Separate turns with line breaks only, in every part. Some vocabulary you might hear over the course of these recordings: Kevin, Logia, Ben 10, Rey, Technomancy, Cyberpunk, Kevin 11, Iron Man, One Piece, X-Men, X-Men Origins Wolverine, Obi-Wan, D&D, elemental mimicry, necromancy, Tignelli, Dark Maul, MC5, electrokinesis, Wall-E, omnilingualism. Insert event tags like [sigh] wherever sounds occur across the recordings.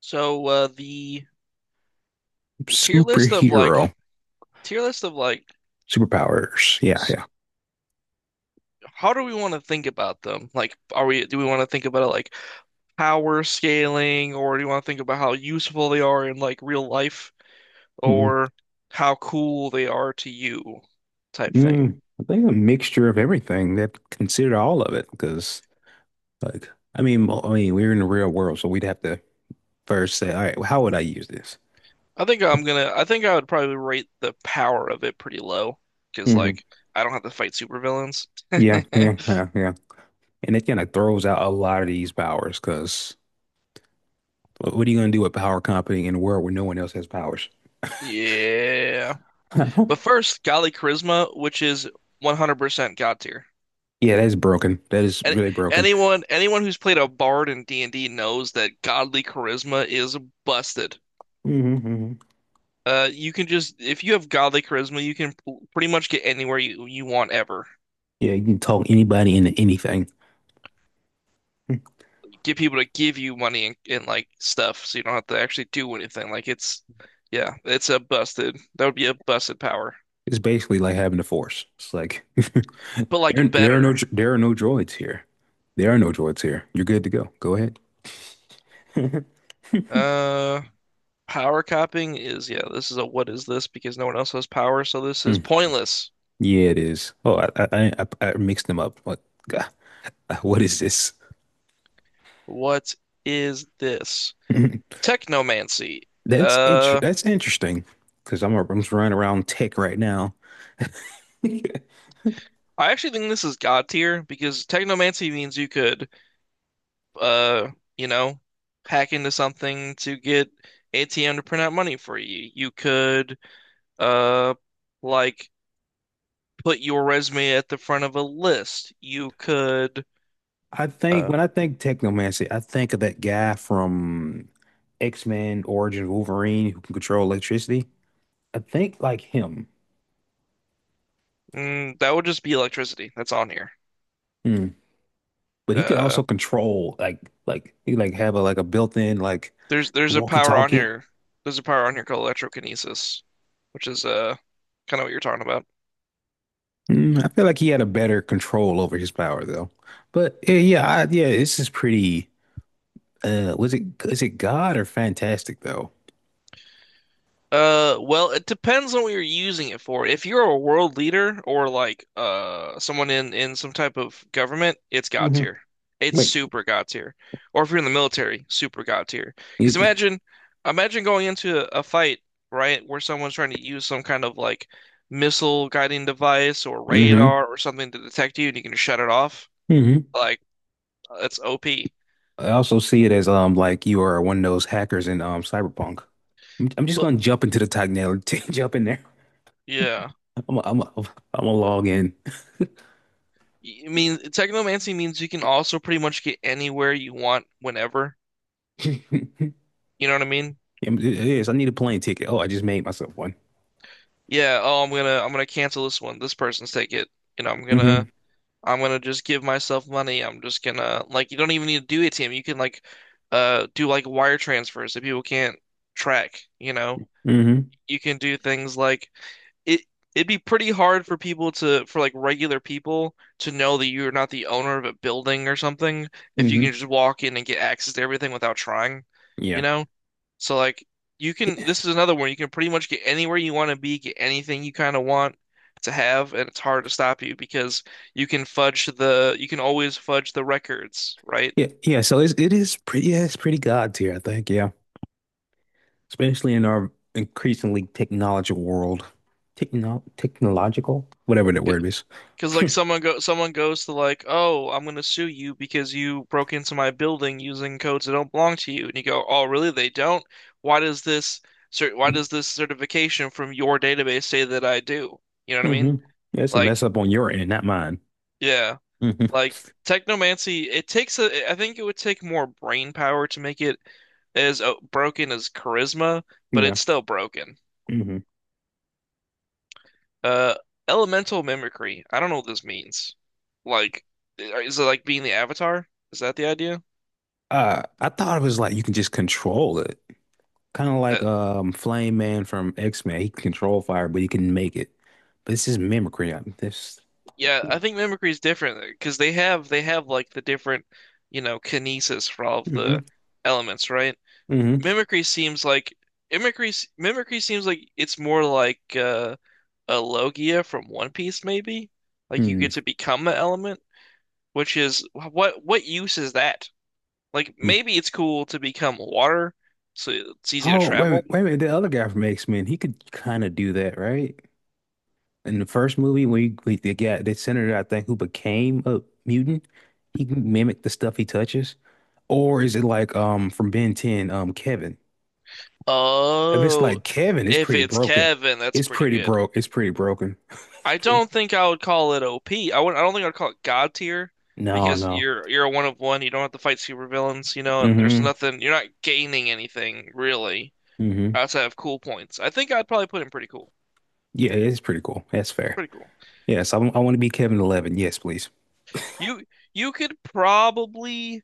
So the tier list of
Superhero
like tier list of like
superpowers. Yeah,
s-
yeah.
how do we want to think about them? Like, are we do we want to think about it like power scaling, or do you want to think about how useful they are in like real life,
mm
or how cool they are to you, type thing?
Mm. I think a mixture of everything that consider all of it because I mean we're in the real world so we'd have to first say all right, well, how would I use this?
I think I'm gonna. I think I would probably rate the power of it pretty low because
hmm
like I don't have to fight supervillains.
Yeah, yeah,
[laughs]
yeah, yeah. And it kind of throws out a lot of these powers because what are you going to do with power company in a world where no one else has powers?
Yeah, but
[laughs]
first, Golly Charisma, which is 100% God tier.
Yeah, that's broken. That is
Any,
really broken.
anyone who's played a bard in D&D knows that godly charisma is busted.
hmm hmm
You can just if you have godly charisma, you can pretty much get anywhere you want ever.
Yeah, you can talk anybody into anything.
Get people to give you money and like stuff, so you don't have to actually do anything. Like it's yeah, it's a busted. That would be a busted power,
It's basically like having the force. It's like [laughs]
but
There,
like
there are no,
better.
there are no droids here. There are no droids here. You're good to go. Go ahead. [laughs]
Uh, Power copying is yeah. This is a what is this? Because no one else has power, so this is
Hmm.
pointless.
Yeah, it is. Oh, I mixed them up. What, God, [laughs] what is this?
What is this?
[laughs]
Technomancy. Uh,
That's interesting because I'm just running around tech right now. [laughs]
I actually think this is God tier because technomancy means you could, uh, you know, hack into something to get ATM to print out money for you. You could, uh, like put your resume at the front of a list.
I think
Uh,
when I think technomancy, I think of that guy from X-Men Origins Wolverine who can control electricity. I think like him.
that would just be electricity. That's on here.
Hmm. But he could
Uh,
also control like he like have a like a built-in like
there's there's a power on
walkie-talkie.
here. There's a power on here called electrokinesis, which is kind of what you're talking about.
Mm, I feel like he had a better control over his power though. But yeah, yeah, yeah, this is pretty was it is it God or fantastic though?
Well, it depends on what you're using it for. If you're a world leader or like someone in some type of government, it's God
hmm
tier. It's
Wait.
super God tier. Or if you're in the military, super God tier.
You,
Imagine going into a fight, right, where someone's trying to use some kind of like missile guiding device or
hmm
radar or something to detect you, and you can just shut it off.
hmm
Like that's OP.
I also see it as like you are one of those hackers in Cyberpunk. I'm just
But
gonna jump into the Tignelli, [laughs] jump in there.
yeah,
I'm gonna log in.
I mean, technomancy means you can also pretty much get anywhere you want whenever.
[laughs]
You know what I mean?
Yes, I need a plane ticket. Oh, I just made myself one.
Yeah, oh, I'm gonna cancel this one. This person's take it. You know,
hmm
I'm gonna just give myself money. I'm just gonna like you don't even need to do ATM. You can like do like wire transfers that people can't track, you know.
hmm
You can do things like it it'd be pretty hard for people to for like regular people to know that you're not the owner of a building or something if you can
hmm
just walk in and get access to everything without trying, you
Yeah.
know? So like you can this is another one you can pretty much get anywhere you want to be, get anything you kind of want to have, and it's hard to stop you because you can always fudge the records, right?
Yeah, yeah. It is pretty. Yeah, it's pretty God tier, I think. Yeah, especially in our increasingly technological world, technological, whatever that word is.
Because like someone goes to like, oh, I'm gonna sue you because you broke into my building using codes that don't belong to you, and you go, oh, really? They don't? Why does this why does this certification from your database say that I do? You know what I mean?
Mm-hmm. Yeah, it's a mess
Like,
up on your end, not mine.
yeah,
hmm
like technomancy. It takes a. I think it would take more brain power to make it as broken as charisma, but
Yeah.
it's still broken.
hmm
Uh, Elemental mimicry. I don't know what this means. Like, is it like being the avatar? Is that the idea?
I thought it was like you can just control it, kind of like
That,
Flame Man from X-Men. He can control fire, but he can make it. But it's just mimicry. I This.
yeah, I think mimicry is different because they have like the different, you know, kinesis for all of the
hmm
elements, right?
hmm
Mimicry seems like mimicry mimicry seems like it's more like a Logia from One Piece, maybe. Like you
Mm.
get to become an element, which is what use is that? Like
Yeah.
maybe it's cool to become water, so it's easy to
Oh, wait a
travel.
minute, wait a minute. The other guy from X-Men, he could kind of do that, right? In the first movie, we the guy, the senator, I think, who became a mutant, he can mimic the stuff he touches. Or is it like from Ben 10, Kevin? If it's
Oh,
like Kevin, it's
if
pretty
it's
broken.
Kevin, that's pretty good.
It's pretty broken. [laughs] It's
I
pretty.
don't think I would call it OP. I don't think I'd call it God tier
No,
because
no.
you're a one of one. You don't have to fight supervillains, you know, and there's
Mm-hmm.
nothing. You're not gaining anything really
Mm-hmm.
outside of cool points. I think I'd probably put him pretty cool.
Yeah, it's pretty cool. That's
It's
fair.
pretty cool.
Yes, I want to be Kevin 11. Yes, please.
You could probably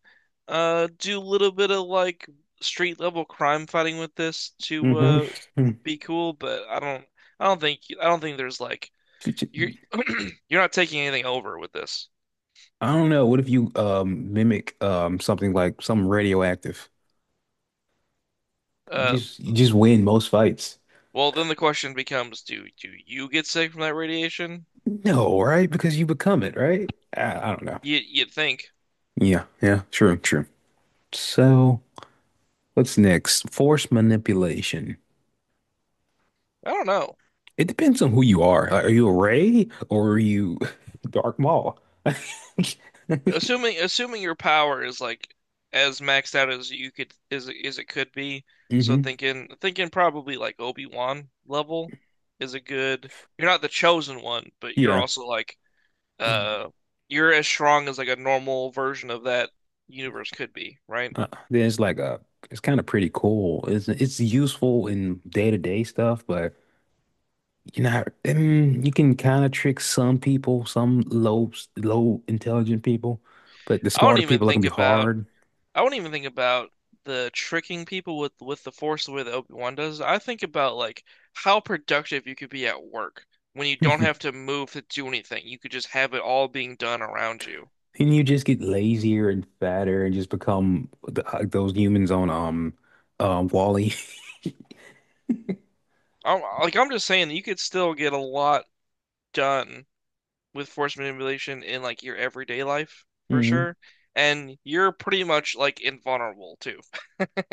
do a little bit of like street level crime fighting with this to
Mm-hmm. [laughs]
be cool, but I don't think there's like you're [clears throat] you're not taking anything over with this.
I don't know. What if you mimic something like something radioactive?
Uh,
You just win most fights.
well, then the question becomes, do you get sick from that radiation?
No, right? Because you become it, right? I don't know.
You you'd think.
Yeah, yeah, true, true. So, what's next? Force manipulation.
I don't know.
It depends on who you are. Like, are you a Rey or are you [laughs] Dark Maul? [laughs]
Assuming your power is like as maxed out as you could is it could be. So
hmm
thinking probably like Obi-Wan level is a good. You're not the chosen one, but you're
Yeah.
also like uh you're as strong as like a normal version of that universe could be, right?
Then it's like a, it's kind of pretty cool. It's useful in day-to-day stuff, but you know, mm, you can kind of trick some people, some low low intelligent people, but the
I don't
smarter
even
people are gonna
think
be
about
hard.
I won't even think about the tricking people with the force the way that Obi-Wan does. I think about like how productive you could be at work when you don't have to
[laughs]
move to do anything. You could just have it all being done around you.
And you just get lazier and fatter and just become like those humans on Wall-E.
Like I'm just saying, you could still get a lot done with force manipulation in like your everyday life
[laughs]
for
hmm
sure. And you're pretty much like invulnerable too [laughs]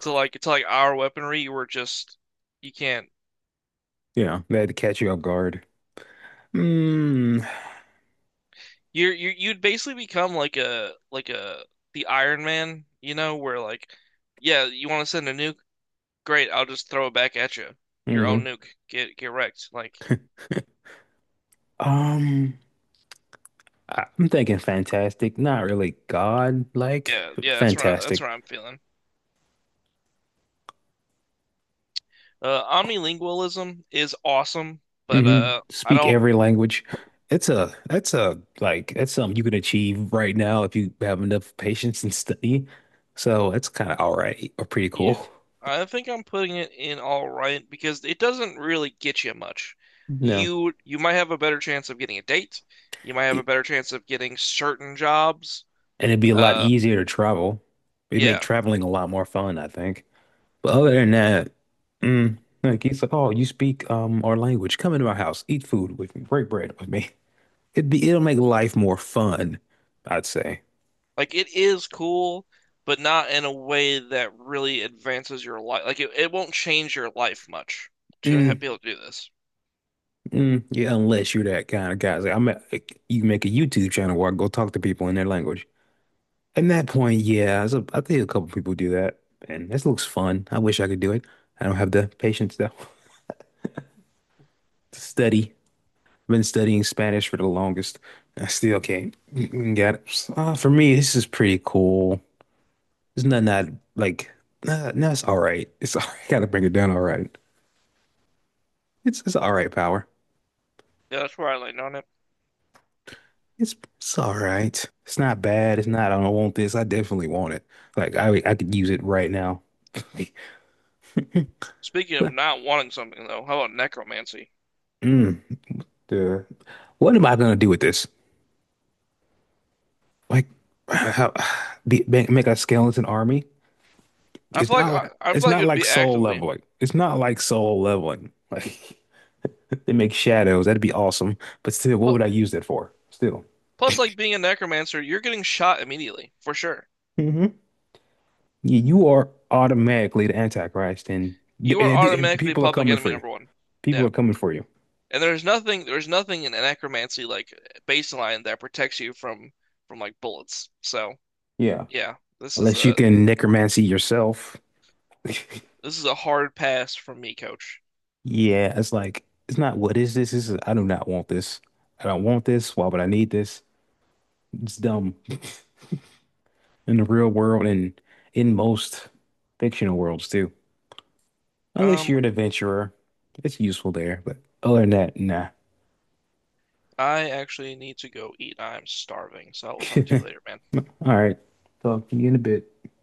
to like our weaponry. You were just you can't.
Yeah, they had to catch you off guard. Mm.
You're you you'd basically become like a the Iron Man, you know, where like, yeah, you want to send a nuke? Great, I'll just throw it back at you. Your own
hmm
nuke. Get wrecked. Like,
Um, I'm thinking fantastic, not really God-like,
yeah,
but
yeah, that's what that's
fantastic.
what I'm feeling. Omnilingualism is awesome, but I
Speak
don't.
every language. It's a that's a that's something you can achieve right now if you have enough patience and study. So it's kind of all right or pretty
Yeah,
cool.
I think I'm putting it in all right because it doesn't really get you much.
No.
You might have a better chance of getting a date. You might have a better chance of getting certain jobs.
And it'd be a lot
Uh,
easier to travel. It'd make
yeah.
traveling a lot more fun, I think. But other than that, mm, like he's like, oh, you speak our language. Come into my house, eat food with me, break bread with me. [laughs] It'll make life more fun, I'd say.
Like it is cool, but not in a way that really advances your life. Like it won't change your life much to ha
Mm,
be able to do this.
mm, yeah, unless you're that kind of guy. It's like, you can make a YouTube channel where I go talk to people in their language. At that point, yeah, I think a couple people do that, and this looks fun. I wish I could do it. I don't have the patience though [laughs] to study. I've been studying Spanish for the longest. I still can't get it. For me, this is pretty cool. It's not not like no, it's all right. It's all right. [laughs] Gotta bring it down. All right. It's all right, power.
Yeah, that's where I land on it.
It's all right. It's not bad. It's not. I don't want this. I definitely want it. Like I could use it right now. Like,
Speaking of
but,
not wanting something though, how about necromancy?
mm, the, what am I gonna do with this? Like [sighs] how, be, make a skeleton army?
I
It's
feel like it
not
would
like
be
soul
actively.
leveling. It's not like soul leveling. Like [laughs] they make shadows. That'd be awesome. But still, what
Plus,
would I use that for? Still,
plus, like being a necromancer, you're getting shot immediately for sure.
hmm you, you are automatically the Antichrist, and,
You are
and
automatically
people are
public
coming for
enemy
you.
number one.
People
Yeah,
are coming for you.
and there's nothing in necromancy like baseline that protects you from like bullets.
Yeah.
Yeah, this is
Unless you
a
can necromancy yourself. [laughs]
This is a hard pass from me, coach.
Yeah, it's like it's not what is this? This is I do not want this. I don't want this. Why would I need this? It's dumb in the real world and in most fictional worlds too. Unless
Um,
you're an adventurer, it's useful there. But other than that, nah.
I actually need to go eat. I'm starving, so I will talk to you later, man.
[laughs] All right. Talk to you in a bit.